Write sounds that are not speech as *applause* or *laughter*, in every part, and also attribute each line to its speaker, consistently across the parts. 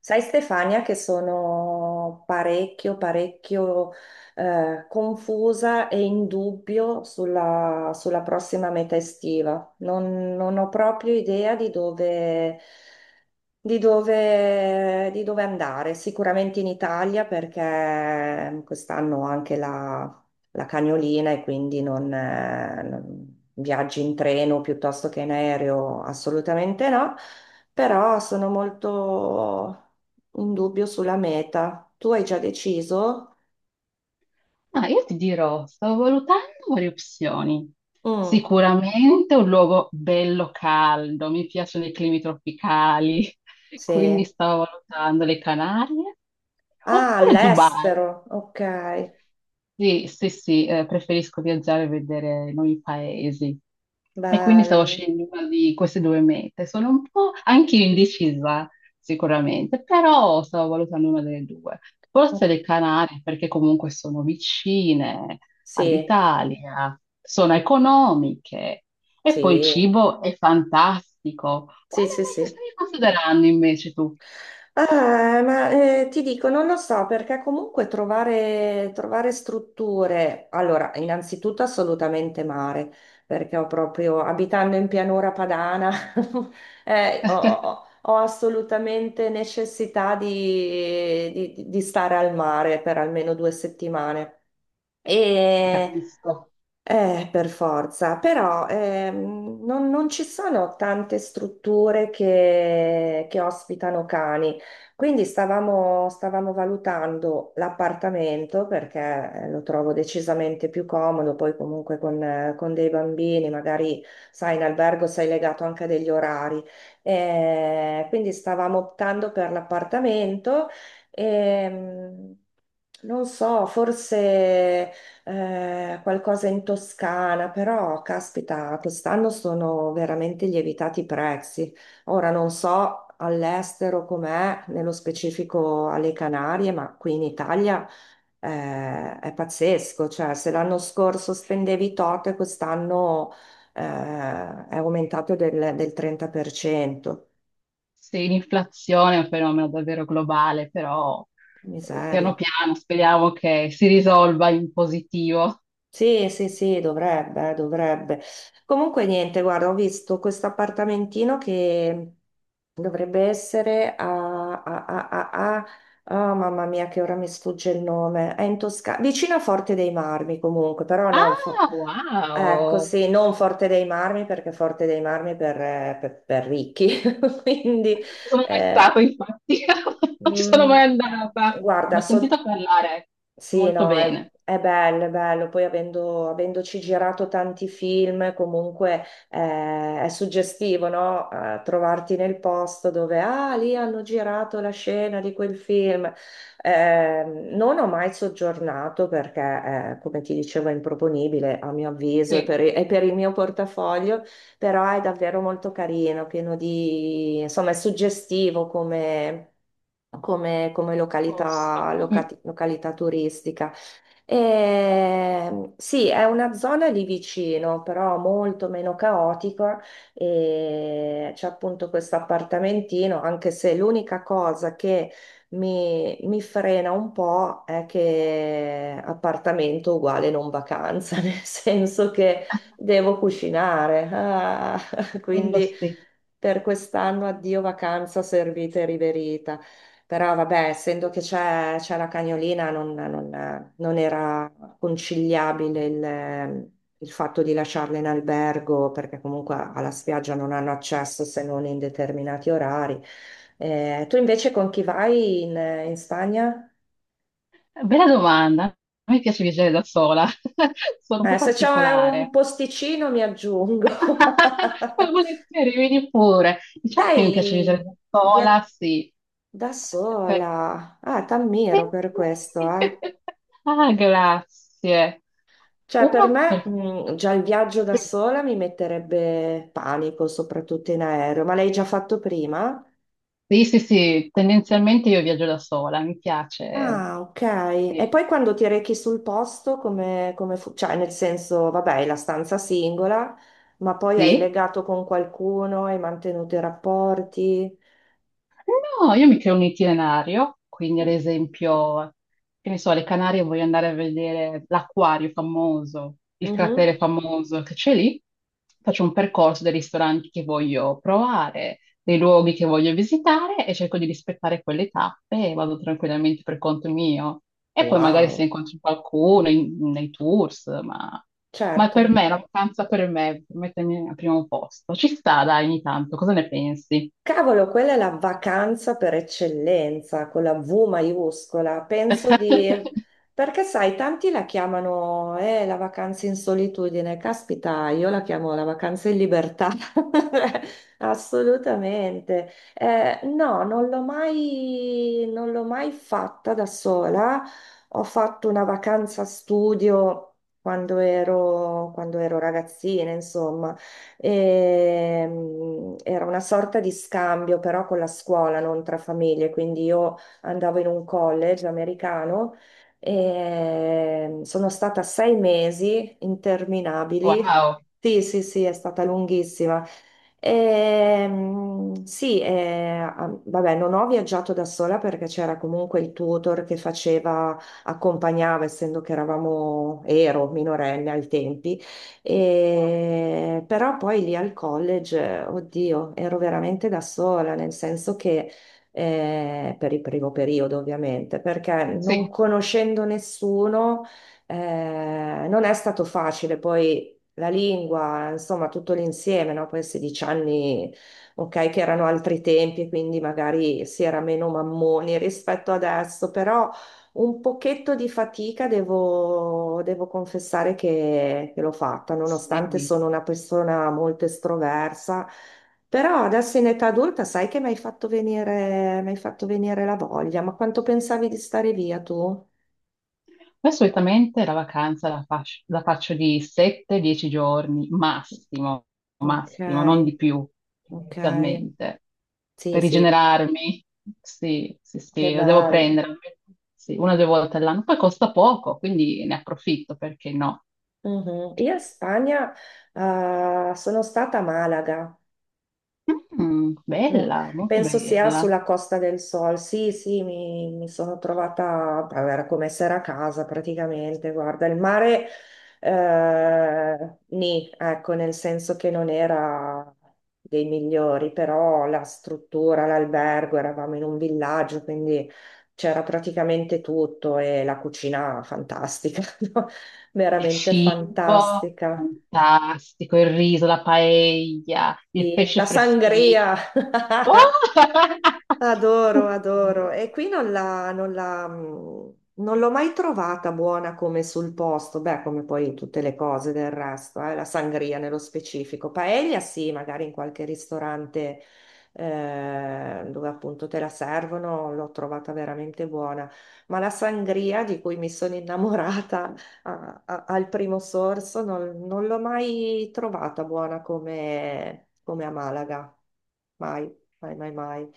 Speaker 1: Sai Stefania che sono parecchio, parecchio confusa e in dubbio sulla prossima meta estiva. Non ho proprio idea di di dove andare. Sicuramente in Italia perché quest'anno ho anche la cagnolina e quindi viaggi in treno piuttosto che in aereo, assolutamente no, però sono molto in dubbio sulla meta. Tu hai già deciso?
Speaker 2: Ah, io ti dirò, sto valutando varie opzioni.
Speaker 1: Mm,
Speaker 2: Sicuramente un luogo bello caldo, mi piacciono i climi tropicali, *laughs* quindi
Speaker 1: sì.
Speaker 2: stavo valutando le Canarie,
Speaker 1: Ah,
Speaker 2: oppure Dubai.
Speaker 1: all'estero, ok,
Speaker 2: Sì, sì, sì, preferisco viaggiare e vedere nuovi paesi. E quindi stavo
Speaker 1: bello.
Speaker 2: scegliendo una di queste due mete. Sono un po' anche io indecisa, sicuramente, però stavo valutando una delle due. Forse
Speaker 1: Mm,
Speaker 2: le Canarie, perché comunque sono vicine
Speaker 1: sì,
Speaker 2: all'Italia, sono economiche e poi il
Speaker 1: sì,
Speaker 2: cibo è fantastico. Quale
Speaker 1: sì, sì,
Speaker 2: mete
Speaker 1: sì.
Speaker 2: stavi considerando invece tu?
Speaker 1: Ah, ma ti dico, non lo so, perché comunque trovare strutture, allora, innanzitutto assolutamente mare, perché ho proprio, abitando in pianura padana, *laughs*
Speaker 2: *laughs* Ti
Speaker 1: ho assolutamente necessità di stare al mare per almeno due settimane. E
Speaker 2: Capisco.
Speaker 1: per forza, però non ci sono tante strutture che ospitano cani, quindi stavamo valutando l'appartamento perché lo trovo decisamente più comodo, poi comunque con dei bambini, magari sai, in albergo sei legato anche degli orari. Quindi stavamo optando per l'appartamento e non so, forse qualcosa in Toscana, però caspita, quest'anno sono veramente lievitati i prezzi. Ora non so all'estero com'è, nello specifico alle Canarie, ma qui in Italia è pazzesco, cioè se l'anno scorso spendevi tot, e quest'anno è aumentato del 30%.
Speaker 2: Sì, l'inflazione è un fenomeno davvero globale, però piano
Speaker 1: Miseria.
Speaker 2: piano speriamo che si risolva in positivo.
Speaker 1: Sì, sì, sì, dovrebbe, dovrebbe. Comunque niente, guarda, ho visto questo appartamentino che dovrebbe essere ah, mamma mia, che ora mi sfugge il nome. È in Toscana, vicino a Forte dei Marmi comunque, però non...
Speaker 2: Ah,
Speaker 1: Ecco,
Speaker 2: wow!
Speaker 1: sì, non Forte dei Marmi perché Forte dei Marmi per ricchi, *laughs* quindi
Speaker 2: Non ci sono mai stata,
Speaker 1: eh,
Speaker 2: infatti, *laughs* non ci sono mai
Speaker 1: mm,
Speaker 2: andata. Ne
Speaker 1: guarda,
Speaker 2: ho
Speaker 1: so
Speaker 2: sentito parlare
Speaker 1: sì,
Speaker 2: molto
Speaker 1: no,
Speaker 2: bene.
Speaker 1: è bello, è bello. Poi avendoci girato tanti film, comunque è suggestivo, no? Trovarti nel posto dove, ah, lì hanno girato la scena di quel film. Eh, non ho mai soggiornato perché, come ti dicevo, è improponibile a mio avviso e
Speaker 2: Sì,
Speaker 1: e per il mio portafoglio, però è davvero molto carino, pieno di, insomma, è suggestivo come
Speaker 2: posto.
Speaker 1: località,
Speaker 2: Mm.
Speaker 1: locati- località turistica. E, sì, è una zona lì vicino, però molto meno caotica e c'è appunto questo appartamentino, anche se l'unica cosa che mi frena un po' è che appartamento uguale non vacanza, *laughs* nel senso che devo cucinare, ah, *laughs*
Speaker 2: Quello
Speaker 1: quindi
Speaker 2: sì.
Speaker 1: per quest'anno addio vacanza servita e riverita. Però vabbè, essendo che c'è la cagnolina, non era conciliabile il fatto di lasciarla in albergo, perché comunque alla spiaggia non hanno accesso se non in determinati orari. Tu invece con chi vai in Spagna?
Speaker 2: Bella domanda. A me piace viaggiare da sola, *laughs* sono un po'
Speaker 1: Se c'è un
Speaker 2: particolare.
Speaker 1: posticino mi aggiungo.
Speaker 2: *laughs* Ma
Speaker 1: *laughs*
Speaker 2: volentieri, vieni pure. Diciamo che mi piace viaggiare
Speaker 1: Dai,
Speaker 2: da
Speaker 1: via
Speaker 2: sola, sì.
Speaker 1: da
Speaker 2: Per-
Speaker 1: sola. Ah,
Speaker 2: Sì.
Speaker 1: t'ammiro per questo, eh.
Speaker 2: *laughs* Ah, grazie.
Speaker 1: Cioè, per
Speaker 2: Uno
Speaker 1: me,
Speaker 2: perché...
Speaker 1: già il viaggio da
Speaker 2: Sì,
Speaker 1: sola mi metterebbe panico, soprattutto in aereo, ma l'hai già fatto prima?
Speaker 2: sì, sì, sì, tendenzialmente io viaggio da sola, mi piace.
Speaker 1: Ah, ok. E
Speaker 2: Sì,
Speaker 1: poi quando ti rechi sul posto, cioè, nel senso, vabbè, è la stanza singola, ma poi hai
Speaker 2: sì.
Speaker 1: legato con qualcuno, hai mantenuto i rapporti.
Speaker 2: No, io mi creo un itinerario, quindi ad esempio, che ne so, alle Canarie voglio andare a vedere l'acquario famoso, il
Speaker 1: Mhm.
Speaker 2: cratere famoso che c'è lì, faccio un percorso dei ristoranti che voglio provare, dei luoghi che voglio visitare e cerco di rispettare quelle tappe e vado tranquillamente per conto mio. E poi magari se
Speaker 1: Wow,
Speaker 2: incontro qualcuno nei tours, ma per
Speaker 1: certo.
Speaker 2: me, la vacanza per me, per mettermi al primo posto, ci sta, dai, ogni tanto, cosa ne pensi?
Speaker 1: Cavolo, quella è la vacanza per eccellenza, con la V maiuscola. Penso di...
Speaker 2: *laughs*
Speaker 1: Perché sai, tanti la chiamano la vacanza in solitudine. Caspita, io la chiamo la vacanza in libertà. *laughs* Assolutamente. No, non l'ho mai fatta da sola. Ho fatto una vacanza studio quando ero ragazzina, insomma. Era una sorta di scambio però con la scuola, non tra famiglie, quindi io andavo in un college americano e sono stata sei mesi interminabili.
Speaker 2: Wow,
Speaker 1: Sì, sì, sì, è stata lunghissima. Sì, ah, vabbè, non ho viaggiato da sola perché c'era comunque il tutor che faceva, accompagnava, essendo che ero minorenne ai tempi, però poi lì al college, oddio, ero veramente da sola, nel senso che per il primo periodo ovviamente, perché non
Speaker 2: sì,
Speaker 1: conoscendo nessuno non è stato facile. Poi la lingua, insomma, tutto l'insieme, no? Poi a 16 anni, ok, che erano altri tempi, quindi magari si era meno mammoni rispetto adesso, però un pochetto di fatica devo confessare che l'ho fatta, nonostante
Speaker 2: sì.
Speaker 1: sono una persona molto estroversa, però adesso in età adulta sai che mi hai fatto venire, mi hai fatto venire la voglia, ma quanto pensavi di stare via tu?
Speaker 2: Poi solitamente la vacanza la faccio di 7-10 giorni, massimo,
Speaker 1: Ok,
Speaker 2: massimo, non di più,
Speaker 1: ok,
Speaker 2: inizialmente,
Speaker 1: sì,
Speaker 2: per
Speaker 1: sì,
Speaker 2: rigenerarmi. Sì, sì,
Speaker 1: che
Speaker 2: sì, la devo
Speaker 1: bello.
Speaker 2: prendere, sì, una o due volte all'anno. Poi costa poco, quindi ne approfitto, perché no?
Speaker 1: Mhm. Io in Spagna, sono stata a Malaga.
Speaker 2: Mm,
Speaker 1: Non-
Speaker 2: bella, molto
Speaker 1: Penso sia
Speaker 2: bella.
Speaker 1: sulla Costa del Sol. Sì, sì, mi sono trovata, beh, era come essere a casa praticamente. Guarda, il mare, nì, ecco, nel senso che non era dei migliori, però la struttura, l'albergo, eravamo in un villaggio, quindi c'era praticamente tutto e la cucina fantastica, *laughs* no?
Speaker 2: Il
Speaker 1: Veramente
Speaker 2: cibo,
Speaker 1: fantastica.
Speaker 2: fantastico, il riso, la paella, il
Speaker 1: Sì.
Speaker 2: pesce
Speaker 1: La
Speaker 2: freschissimo.
Speaker 1: sangria.
Speaker 2: Oh!
Speaker 1: *laughs* Adoro, adoro.
Speaker 2: *laughs*
Speaker 1: E qui non la- non la, mm, non l'ho mai trovata buona come sul posto, beh, come poi tutte le cose del resto, la sangria nello specifico. Paella sì, magari in qualche ristorante dove appunto te la servono, l'ho trovata veramente buona. Ma la sangria di cui mi sono innamorata *laughs* al primo sorso non l'ho mai trovata buona come a Malaga. Mai, mai, mai, mai.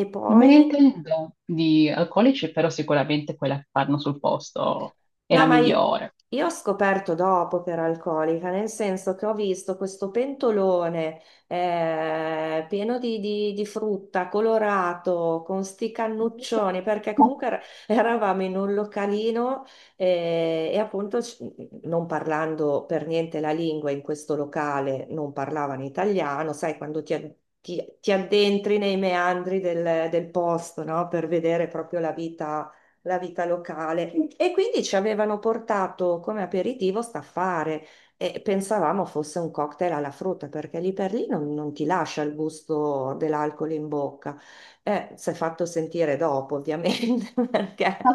Speaker 1: E
Speaker 2: Non me
Speaker 1: poi,
Speaker 2: ne intendo di alcolici, però sicuramente quella che fanno sul posto è
Speaker 1: no,
Speaker 2: la migliore.
Speaker 1: io ho scoperto dopo che era alcolica, nel senso che ho visto questo pentolone pieno di, di frutta, colorato, con sti cannuccioni, perché comunque eravamo in un localino e appunto non parlando per niente la lingua in questo locale, non parlavano italiano, sai, quando ti addentri nei meandri del posto, no? Per vedere proprio la vita locale. E quindi ci avevano portato come aperitivo staffare e pensavamo fosse un cocktail alla frutta, perché lì per lì non ti lascia il gusto dell'alcol in bocca. Si è fatto sentire dopo, ovviamente, *laughs* perché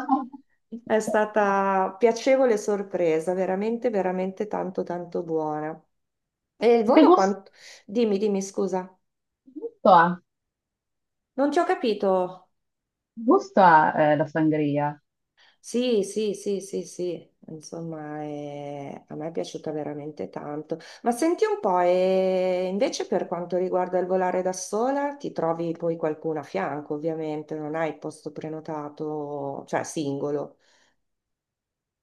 Speaker 1: è stata piacevole sorpresa, veramente, veramente tanto, tanto buona. E il
Speaker 2: Che
Speaker 1: volo
Speaker 2: gusto,
Speaker 1: quanto... Dimmi, dimmi, scusa.
Speaker 2: gusto ha?
Speaker 1: Non ti ho capito.
Speaker 2: Gusto ha, la sangria?
Speaker 1: Sì, sì, sì, sì, sì, insomma, a me è piaciuta veramente tanto. Ma senti un po', e invece per quanto riguarda il volare da sola, ti trovi poi qualcuno a fianco, ovviamente, non hai il posto prenotato, cioè singolo,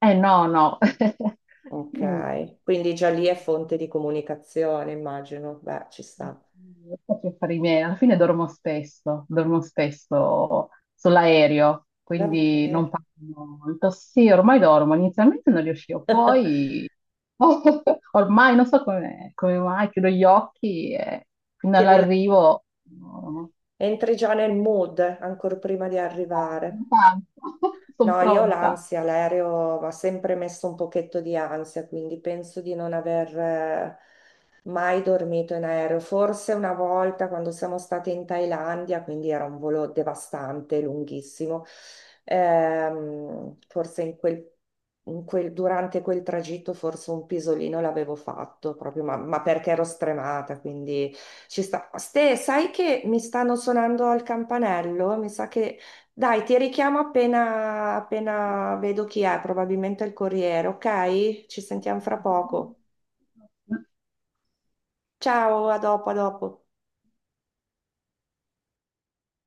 Speaker 2: Eh no, no. *laughs* Mm.
Speaker 1: ok? Quindi già lì è fonte di comunicazione, immagino. Beh, ci sta.
Speaker 2: Non so che fare i miei, alla fine dormo spesso sull'aereo, quindi non
Speaker 1: Davvero.
Speaker 2: parlo molto. Sì, ormai dormo, inizialmente non riuscivo,
Speaker 1: *laughs*
Speaker 2: poi *laughs* ormai non so come, mai, chiudo gli occhi e fino
Speaker 1: Ti rila-
Speaker 2: all'arrivo *laughs* no,
Speaker 1: Entri già nel mood, ancora prima di arrivare.
Speaker 2: no, sono
Speaker 1: No, io ho
Speaker 2: pronta.
Speaker 1: l'ansia, l'aereo mi ha sempre messo un pochetto di ansia, quindi penso di non aver mai dormito in aereo. Forse una volta quando siamo state in Thailandia, quindi era un volo devastante, lunghissimo, forse in durante quel tragitto forse un pisolino l'avevo fatto, proprio, ma perché ero stremata, quindi ci sta. Ste, sai che mi stanno suonando al campanello? Mi sa che dai, ti richiamo appena vedo chi è, probabilmente il corriere, ok? Ci sentiamo fra poco. Ciao, a dopo, a dopo.